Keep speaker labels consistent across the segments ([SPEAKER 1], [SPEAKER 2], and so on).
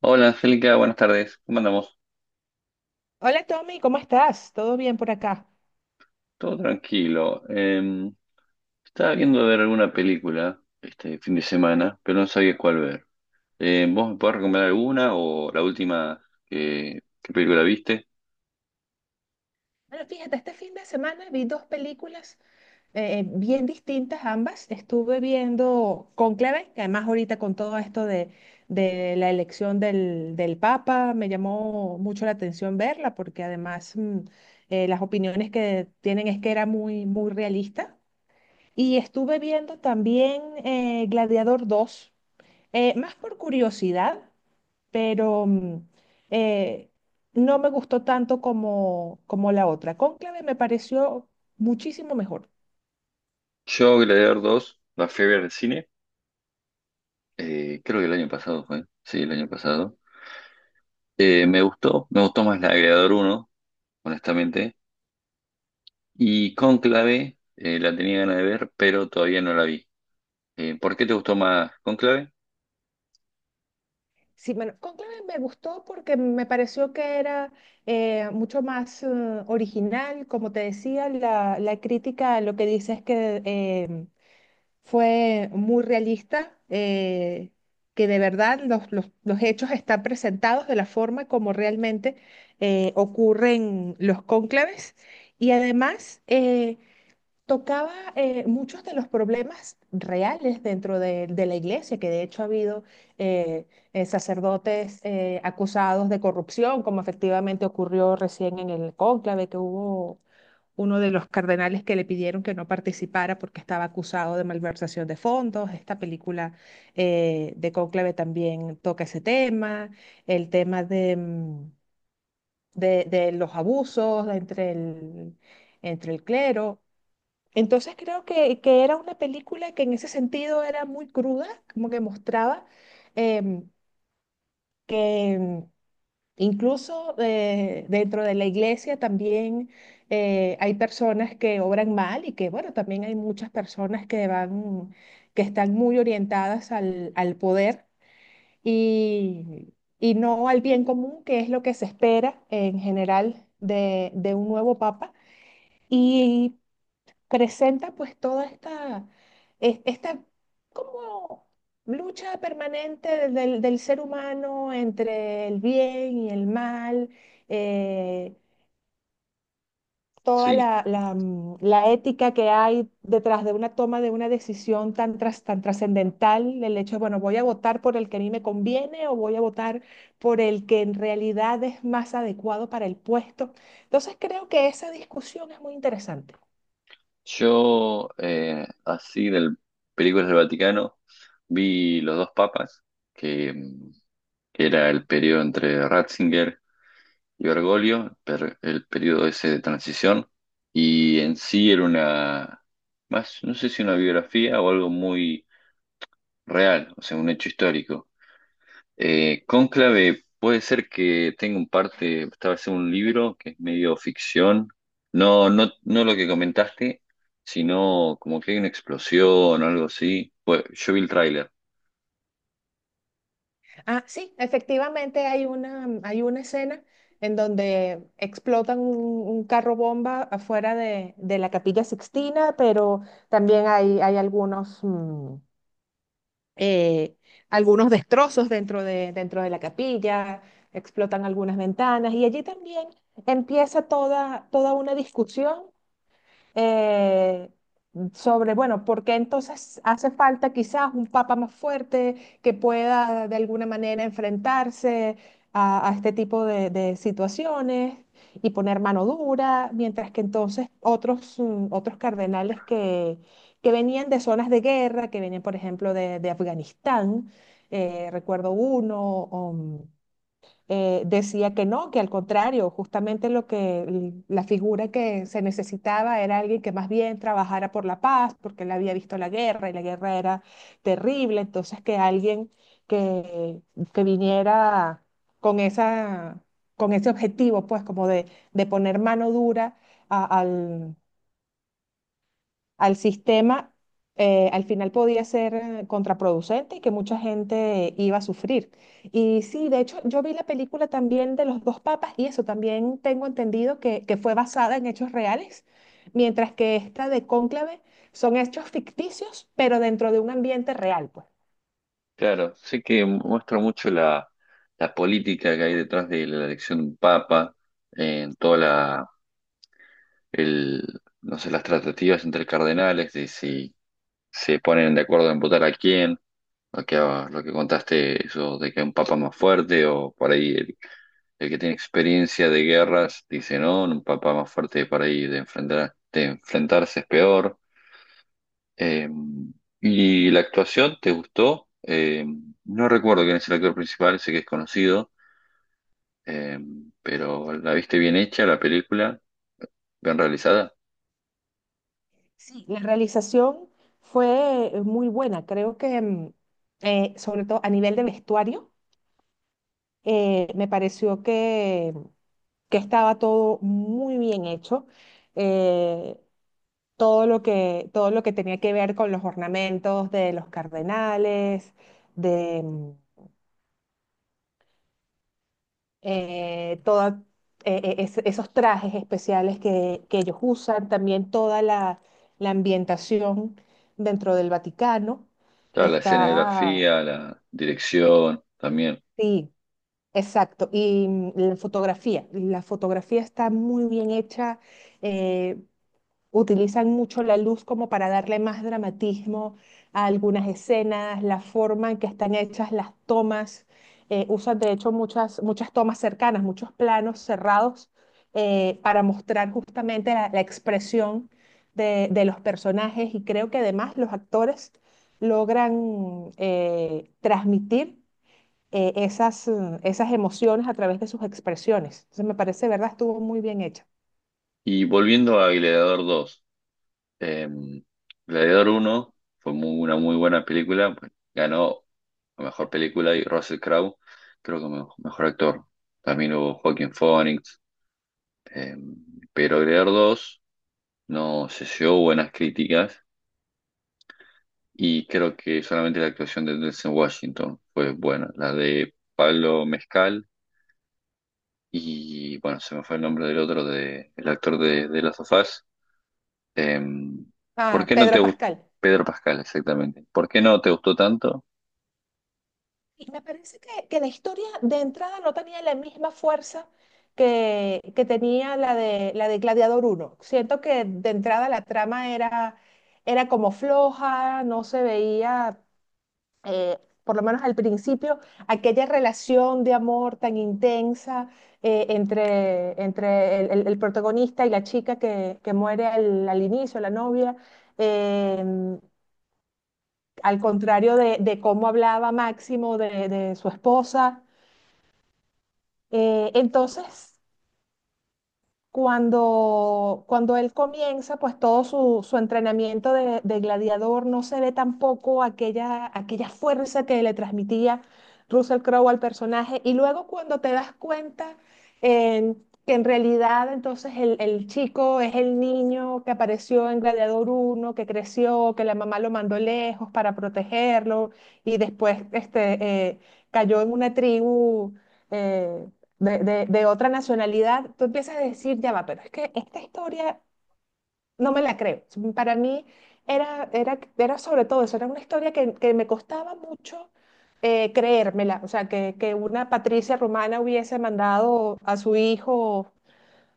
[SPEAKER 1] Hola Angélica, buenas tardes. ¿Cómo andamos?
[SPEAKER 2] Hola Tommy, ¿cómo estás? ¿Todo bien por acá?
[SPEAKER 1] Todo tranquilo. Estaba viendo ver alguna película este fin de semana, pero no sabía cuál ver. ¿Vos me podés recomendar alguna o la última qué película viste?
[SPEAKER 2] Bueno, fíjate, este fin de semana vi dos películas bien distintas ambas. Estuve viendo Cónclave, que además ahorita con todo esto de la elección del Papa, me llamó mucho la atención verla, porque además las opiniones que tienen es que era muy, muy realista. Y estuve viendo también Gladiador dos, más por curiosidad, pero eh, no me gustó tanto como, como la otra. Cónclave me pareció muchísimo mejor.
[SPEAKER 1] Yo, Gladiador dos, la fui a ver al cine. Creo que el año pasado fue. Sí, el año pasado. Me gustó más la de Gladiador 1, honestamente. Y Cónclave, la tenía ganas de ver, pero todavía no la vi. ¿Por qué te gustó más Cónclave?
[SPEAKER 2] Sí, bueno, Cónclave me gustó porque me pareció que era mucho más original, como te decía, la crítica lo que dice es que fue muy realista, que de verdad los hechos están presentados de la forma como realmente ocurren los cónclaves. Y además, tocaba muchos de los problemas reales dentro de la iglesia, que de hecho ha habido eh, sacerdotes acusados de corrupción, como efectivamente ocurrió recién en el cónclave, que hubo uno de los cardenales que le pidieron que no participara porque estaba acusado de malversación de fondos. Esta película de cónclave también toca ese tema, el tema de los abusos entre el clero. Entonces creo que era una película que en ese sentido era muy cruda, como que mostraba em, que em, incluso dentro de la iglesia también hay personas que obran mal y que bueno, también hay muchas personas que van, que están muy orientadas al poder y, y no al bien común, que es lo que se espera en general de un nuevo papa. Y presenta pues toda esta, esta como lucha permanente del ser humano entre el bien y el mal, eh, toda
[SPEAKER 1] Sí.
[SPEAKER 2] la ética que hay detrás de una toma de una decisión tan, tan trascendental, el hecho de, bueno, voy a votar por el que a mí me conviene o voy a votar por el que en realidad es más adecuado para el puesto. Entonces creo que esa discusión es muy interesante.
[SPEAKER 1] Yo, así del películas del Vaticano, vi Los dos papas, que, mm, que era el periodo entre Ratzinger y Bergoglio, el periodo ese de transición, y en sí era más, no sé si una biografía o algo muy real, o sea, un hecho histórico. Cónclave, puede ser que tenga un parte, estaba haciendo un libro que es medio ficción. No, no lo que comentaste, sino como que hay una explosión o algo así. Pues yo vi el tráiler.
[SPEAKER 2] Ah, sí, efectivamente hay hay una escena en donde explotan un carro bomba afuera de la Capilla Sixtina, pero también hay, hay eh, algunos destrozos dentro dentro de la capilla, explotan algunas ventanas y allí también empieza toda, toda una discusión eh, sobre, bueno, por qué entonces hace falta quizás un papa más fuerte que pueda de alguna manera enfrentarse a este tipo de situaciones y poner mano dura, mientras que entonces otros cardenales que venían de zonas de guerra, que venían, por ejemplo, de Afganistán, recuerdo uno, decía que no, que al contrario, justamente lo que la figura que se necesitaba era alguien que más bien trabajara por la paz, porque él había visto la guerra y la guerra era terrible, entonces que alguien que, que viniera con esa, con ese objetivo, pues como de poner mano dura al al sistema, al final podía ser contraproducente y que mucha gente iba a sufrir. Y sí, de hecho, yo vi la película también de los dos papas y eso también tengo entendido que fue basada en hechos reales, mientras que esta de Cónclave son hechos ficticios, pero dentro de un ambiente real, pues.
[SPEAKER 1] Claro, sé que muestra mucho la política que hay detrás de la elección de un papa, en toda el, no sé, las tratativas entre cardenales de si se ponen de acuerdo en votar a quién. Lo que contaste, eso de que un papa más fuerte o por ahí el que tiene experiencia de guerras dice, no, un papa más fuerte por ahí de de enfrentarse es peor. Eh, ¿Y la actuación te gustó? No recuerdo quién es el actor principal, sé que es conocido, eh, pero ¿la viste bien hecha la película? ¿Bien realizada?
[SPEAKER 2] Sí, la realización fue muy buena, creo que sobre todo a nivel de vestuario me pareció que estaba todo muy bien hecho. eh, Todo lo que, todo lo que tenía que ver con los ornamentos de los cardenales, de eh, toda- esos trajes especiales que ellos usan, también toda la, la ambientación dentro del Vaticano.
[SPEAKER 1] Claro, la
[SPEAKER 2] Está,
[SPEAKER 1] escenografía, la dirección también.
[SPEAKER 2] sí, exacto, y la fotografía está muy bien hecha, eh, utilizan mucho la luz como para darle más dramatismo a algunas escenas, la forma en que están hechas las tomas, usan de hecho muchas, muchas tomas cercanas, muchos planos cerrados para mostrar justamente la, la expresión de los personajes y creo que además los actores logran transmitir esas emociones a través de sus expresiones. Entonces me parece, ¿verdad? Estuvo muy bien hecha.
[SPEAKER 1] Y volviendo a Gladiador dos. Eh, Gladiador 1 fue una muy buena película. Pues ganó la mejor película y Russell Crowe, creo que mejor actor. También hubo Joaquin Phoenix. eh, pero Gladiador dos no se llevó buenas críticas y creo que solamente la actuación de Denzel Washington fue buena. La de Pablo Mezcal y, bueno, se me fue el nombre del otro, de, el actor de Last of Us. Eh, ¿Por
[SPEAKER 2] Ah,
[SPEAKER 1] qué no te
[SPEAKER 2] Pedro
[SPEAKER 1] gustó?
[SPEAKER 2] Pascal.
[SPEAKER 1] Pedro Pascal, exactamente. ¿Por qué no te gustó tanto?
[SPEAKER 2] Y me parece que la historia de entrada no tenía la misma fuerza que tenía la de Gladiador uno. Siento que de entrada la trama era, era como floja, no se veía eh, por lo menos al principio, aquella relación de amor tan intensa entre, entre el, el protagonista y la chica que muere al, al inicio, la novia, eh, al contrario de cómo hablaba Máximo de su esposa. Entonces, cuando, cuando él comienza, pues todo su, su entrenamiento de gladiador no se ve tampoco aquella, aquella fuerza que le transmitía Russell Crowe al personaje. Y luego cuando te das cuenta eh, que en realidad entonces el chico es el niño que apareció en Gladiador uno, que creció, que la mamá lo mandó lejos para protegerlo y después este, cayó en una tribu. eh, de, de otra nacionalidad, tú empiezas a decir, ya va, pero es que esta historia no me la creo. Para mí era, era, era sobre todo eso, era una historia que me costaba mucho creérmela, o sea, que una Patricia romana hubiese mandado a su hijo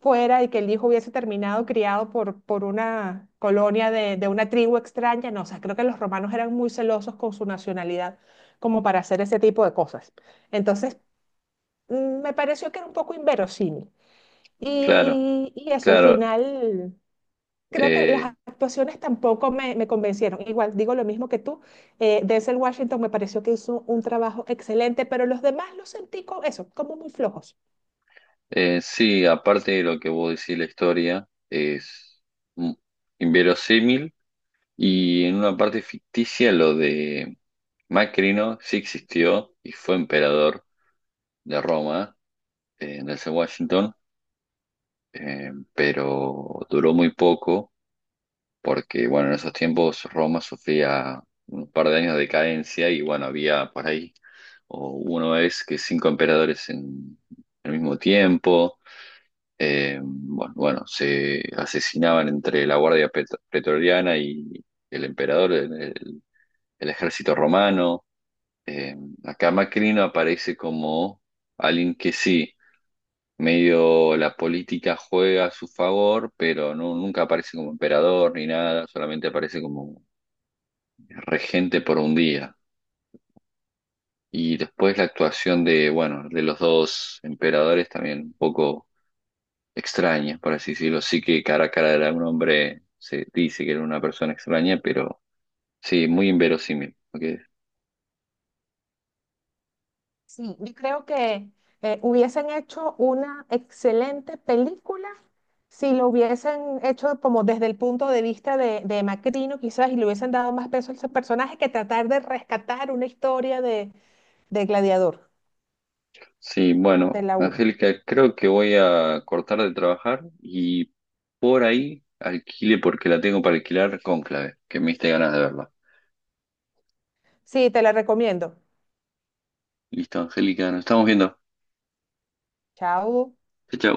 [SPEAKER 2] fuera y que el hijo hubiese terminado criado por una colonia de una tribu extraña, no, o sea, creo que los romanos eran muy celosos con su nacionalidad como para hacer ese tipo de cosas. Entonces, me pareció que era un poco inverosímil.
[SPEAKER 1] Claro,
[SPEAKER 2] Y eso, al
[SPEAKER 1] claro.
[SPEAKER 2] final, creo que las
[SPEAKER 1] Eh,
[SPEAKER 2] actuaciones tampoco me, me convencieron. Igual digo lo mismo que tú. Denzel Washington me pareció que hizo un trabajo excelente, pero los demás los sentí como eso, como muy flojos.
[SPEAKER 1] sí, aparte de lo que vos decís, la historia es mm, inverosímil, y en una parte ficticia lo de Macrino sí existió y fue emperador de Roma, desde Washington, pero duró muy poco porque, bueno, en esos tiempos Roma sufría un par de años de decadencia y, bueno, había por ahí o una vez que cinco emperadores en el mismo tiempo. Bueno, se asesinaban entre la Pretoriana y el emperador, el ejército romano. Eh, Acá Macrino aparece como alguien que sí, medio la política juega a su favor, pero no, nunca aparece como emperador ni nada, solamente aparece como regente por un día. Y después la actuación de, bueno, de los dos emperadores también un poco extraña, por así decirlo. Sí que cara a cara era un hombre, se dice que era una persona extraña, pero sí, muy inverosímil. Ok.
[SPEAKER 2] Sí, yo creo que hubiesen hecho una excelente película si lo hubiesen hecho como desde el punto de vista de Macrino, quizás, y le hubiesen dado más peso a ese personaje que tratar de rescatar una historia de Gladiador,
[SPEAKER 1] Sí,
[SPEAKER 2] de
[SPEAKER 1] bueno,
[SPEAKER 2] la uno.
[SPEAKER 1] Angélica, creo que voy a cortar de trabajar y por ahí alquile porque la tengo para alquilar Cónclave, que me diste ganas de verla.
[SPEAKER 2] Sí, te la recomiendo.
[SPEAKER 1] Listo, Angélica, nos estamos viendo.
[SPEAKER 2] Chao.
[SPEAKER 1] Chao, chao.